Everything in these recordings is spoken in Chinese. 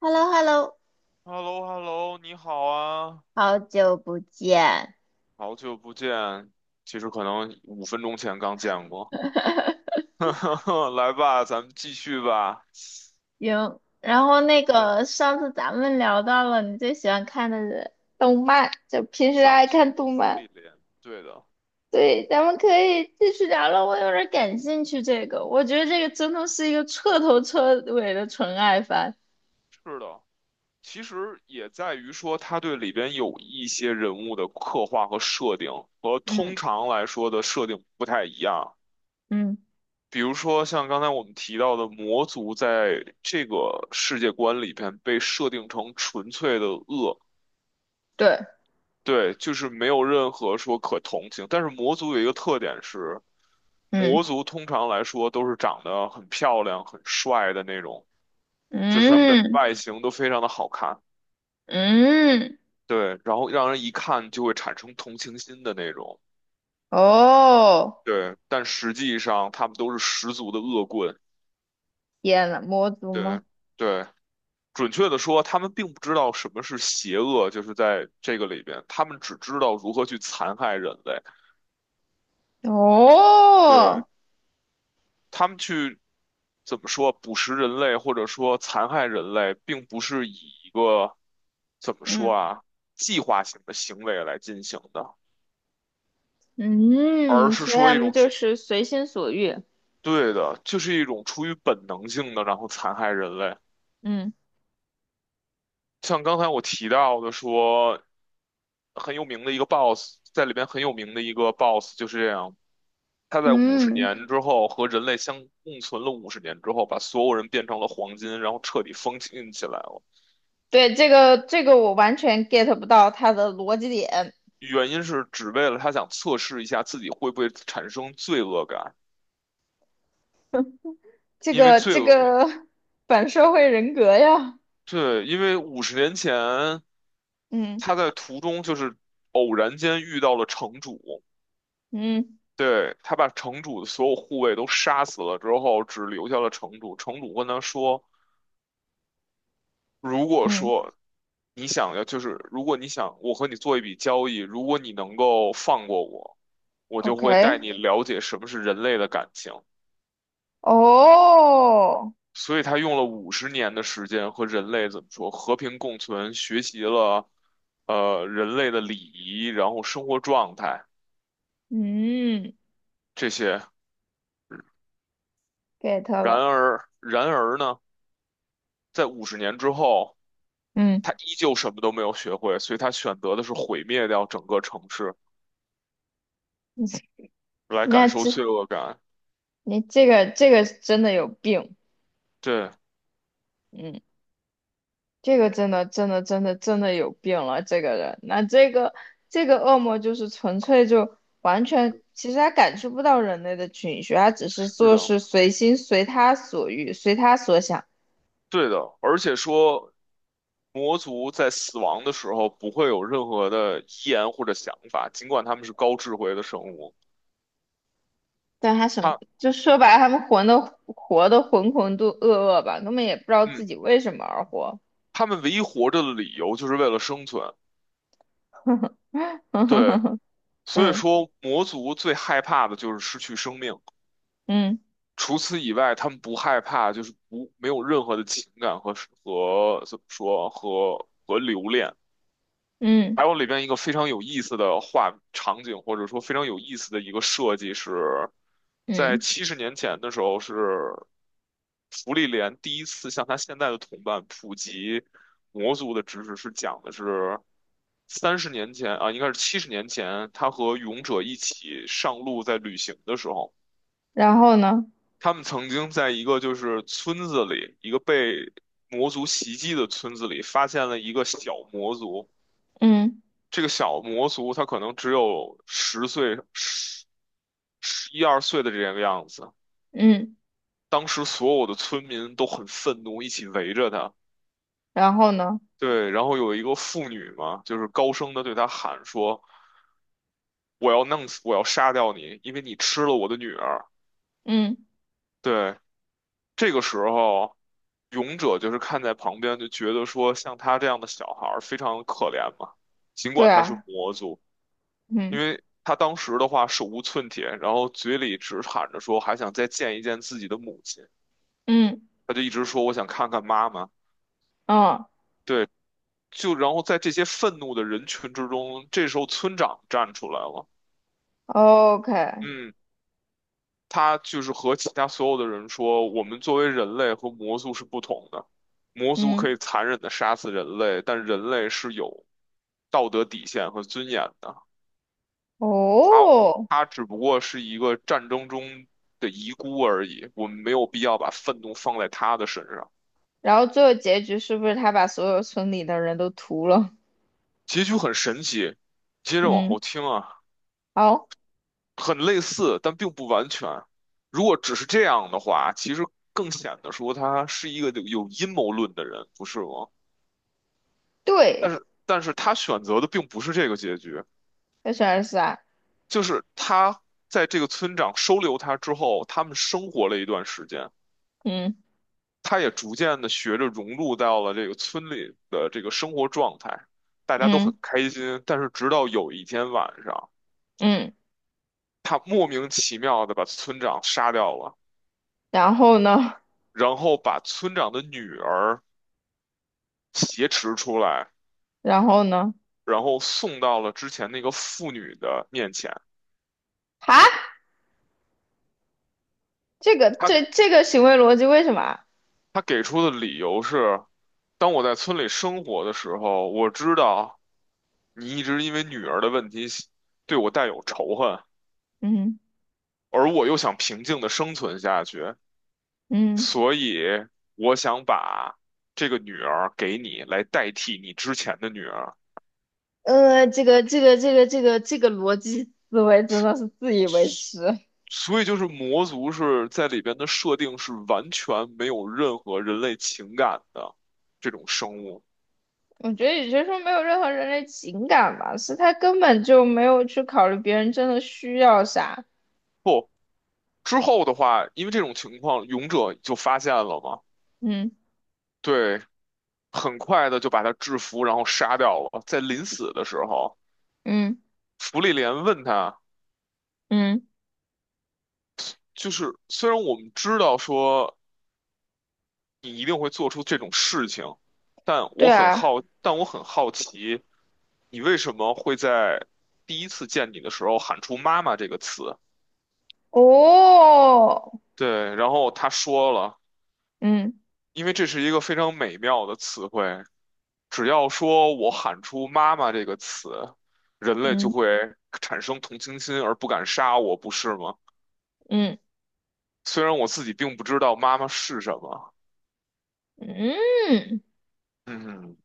h e l l o h e l l o hello hello 你好啊，好久不见。好久不见。其实可能5分钟前刚见过。来吧，咱们继续吧。行，然后那对，个上次咱们聊到了你最喜欢看的动漫，就平时葬爱送看的动芙漫。莉莲，对的，对，咱们可以继续聊了。我有点感兴趣这个，我觉得这个真的是一个彻头彻尾的纯爱番。是的。其实也在于说，他对里边有一些人物的刻画和设定，和通嗯常来说的设定不太一样。嗯，比如说，像刚才我们提到的魔族，在这个世界观里边被设定成纯粹的恶。对，对，就是没有任何说可同情。但是魔族有一个特点是，魔嗯族通常来说都是长得很漂亮、很帅的那种，就是他们的嗯外形都非常的好看，嗯，对，然后让人一看就会产生同情心的那种，哦，对。但实际上他们都是十足的恶棍，天呐，魔族吗？对，对。准确的说，他们并不知道什么是邪恶，就是在这个里边，他们只知道如何去残害人类。对。哦，他们去怎么说捕食人类或者说残害人类，并不是以一个怎么说嗯。啊计划性的行为来进行的，而嗯，是所以说他一们种就是随心所欲。对的，就是一种出于本能性的，然后残害人类。嗯，像刚才我提到的说，很有名的一个 boss，在里边很有名的一个 boss 就是这样。他在五十嗯，年之后和人类相共存了五十年之后，把所有人变成了黄金，然后彻底封禁起来了。对，这个我完全 get 不到他的逻辑点，原因是只为了他想测试一下自己会不会产生罪恶感，这因为个罪这恶，个反社会人格呀。对，因为五十年前嗯他在途中就是偶然间遇到了城主，嗯对，他把城主的所有护卫都杀死了之后，只留下了城主。城主跟他说：“如果嗯说你想要，就是如果你想我和你做一笔交易，如果你能够放过我，我就会带，OK，你了解什么是人类的感情。”哦，所以他用了五十年的时间和人类怎么说和平共存，学习了人类的礼仪，然后生活状态嗯这些。，get 了。然而呢，在五十年之后，嗯，他依旧什么都没有学会，所以他选择的是毁灭掉整个城市，来感那受这罪恶感。你这个真的有病。对，嗯。这个真的真的真的真的有病了，这个人，那这个恶魔就是纯粹就完全，其实他感受不到人类的情绪，他只是是做的，事随心随他所欲，随他所想。对的，而且说。魔族在死亡的时候不会有任何的遗言或者想法，尽管他们是高智慧的生物。但他什么，他，就说白了，他们活的浑浑度噩噩吧，根本也不知道自嗯。己为什么而活。他们唯一活着的理由就是为了生存。对，所以嗯说魔族最害怕的就是失去生命，嗯除此以外，他们不害怕，就是不没有任何的情感和怎么说和留恋。嗯还有里边一个非常有意思的画场景，或者说非常有意思的一个设计是，嗯在嗯，七十年前的时候，是福利莲第一次向他现在的同伴普及魔族的知识，是讲的是30年前啊，应该是七十年前，他和勇者一起上路在旅行的时候，然后呢？他们曾经在一个就是村子里，一个被魔族袭击的村子里，发现了一个小魔族。嗯这个小魔族他可能只有10岁、十一二岁的这个样子。嗯，当时所有的村民都很愤怒，一起围着他。然后呢？对，然后有一个妇女嘛，就是高声的对他喊说：“我要弄死，我要杀掉你，因为你吃了我的女儿。”嗯，对，这个时候，勇者就是看在旁边，就觉得说像他这样的小孩儿非常可怜嘛，尽对管他是啊，魔族。因嗯为他当时的话手无寸铁，然后嘴里只喊着说还想再见一见自己的母亲，嗯他就一直说我想看看妈妈。嗯。对，就然后在这些愤怒的人群之中，这时候村长站出来了，OK，嗯，他就是和其他所有的人说，我们作为人类和魔族是不同的，魔族可嗯，以残忍的杀死人类，但人类是有道德底线和尊严的。哦，他只不过是一个战争中的遗孤而已，我们没有必要把愤怒放在他的身上。然后最后结局是不是他把所有村里的人都屠了？结局很神奇，接着往嗯，后听啊，好，很类似，但并不完全。如果只是这样的话，其实更显得说他是一个有阴谋论的人，不是吗？对，但是他选择的并不是这个结局，他选二十二四啊，就是他在这个村长收留他之后，他们生活了一段时间。嗯他也逐渐的学着融入到了这个村里的这个生活状态，大家都很嗯开心。但是直到有一天晚上，嗯，他莫名其妙的把村长杀掉了，然后呢？然后把村长的女儿挟持出来，然后呢？然后送到了之前那个妇女的面前。啊，这个这他这个行为逻辑为什么啊？他给出的理由是：当我在村里生活的时候，我知道你一直因为女儿的问题对我带有仇恨。嗯而我又想平静的生存下去，嗯，所以我想把这个女儿给你，来代替你之前的女儿。这个逻辑思维真的是自以为是。所以就是魔族是在里边的设定是完全没有任何人类情感的这种生物。我觉得也就是说没有任何人类情感吧，是他根本就没有去考虑别人真的需要啥。不，之后的话，因为这种情况，勇者就发现了嘛，嗯。对，很快的就把他制服，然后杀掉了。在临死的时候，嗯芙莉莲问他，嗯，就是虽然我们知道说。你一定会做出这种事情。对啊，但我很好奇，你为什么会在第一次见你的时候喊出“妈妈”这个词？哦，对，然后他说了，嗯因为这是一个非常美妙的词汇，只要说我喊出“妈妈”这个词，人类就嗯会产生同情心而不敢杀我，不是吗？嗯虽然我自己并不知道妈妈是什么。嗯，嗯嗯。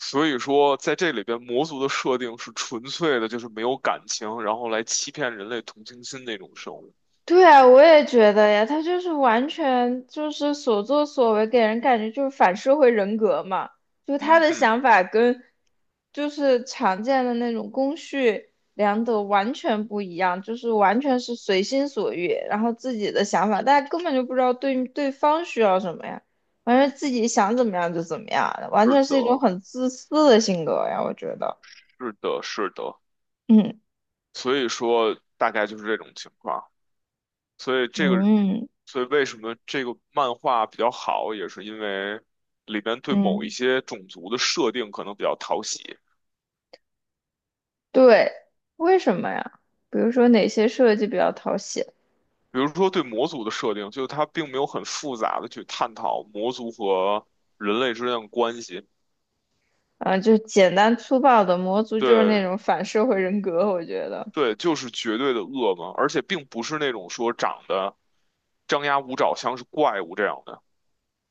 所以说，在这里边，魔族的设定是纯粹的，就是没有感情，然后来欺骗人类同情心那种生物。对啊，我也觉得呀，他就是完全就是所作所为，给人感觉就是反社会人格嘛。就他嗯的嗯，想法跟就是常见的那种公序良德完全不一样，就是完全是随心所欲，然后自己的想法，大家根本就不知道对对方需要什么呀，完全自己想怎么样就怎么样，完是全是的，一种很自私的性格呀，我觉得。是的，是的。嗯所以说，大概就是这种情况。所以这个，嗯所以为什么这个漫画比较好，也是因为里边对某一嗯。些种族的设定可能比较讨喜。对，为什么呀？比如说哪些设计比较讨喜？比如说对魔族的设定，就是它并没有很复杂的去探讨魔族和人类之间的关系。啊，就简单粗暴的魔族就是那对，种反社会人格，我觉得。对，就是绝对的恶嘛，而且并不是那种说长得张牙舞爪像是怪物这样的，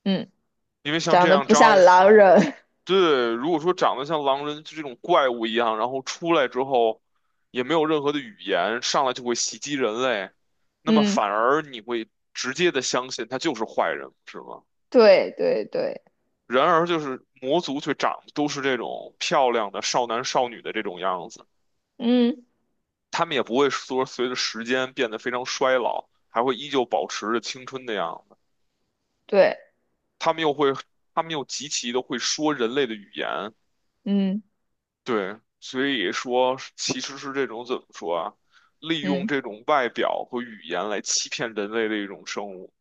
嗯，因为像长这得样不张像牙，狼人，对，如果说长得像狼人就这种怪物一样，然后出来之后也没有任何的语言，上来就会袭击人类，那么嗯，反而你会直接的相信他就是坏人，是吗？对对对，然而就是魔族却长得都是这种漂亮的少男少女的这种样子。嗯他们也不会说随着时间变得非常衰老，还会依旧保持着青春的样子。对，他们又会，他们又极其的会说人类的语言，嗯对，所以说其实是这种怎么说啊？利用嗯，这种外表和语言来欺骗人类的一种生物，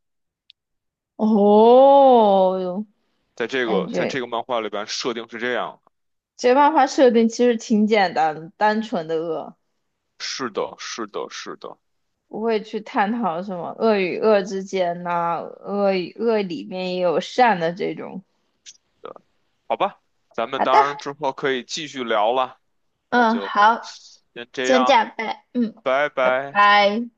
哦哟，感在这觉个漫画里边设定是这样的。这漫画设定其实挺简单，单纯的恶，是的，是的，是的，不会去探讨什么恶与恶之间呐、恶与恶里面也有善的这种。对，好吧，咱们啊，当但然之后可以继续聊了，那嗯，就好，先这先这样，样拜，嗯，拜拜拜。拜。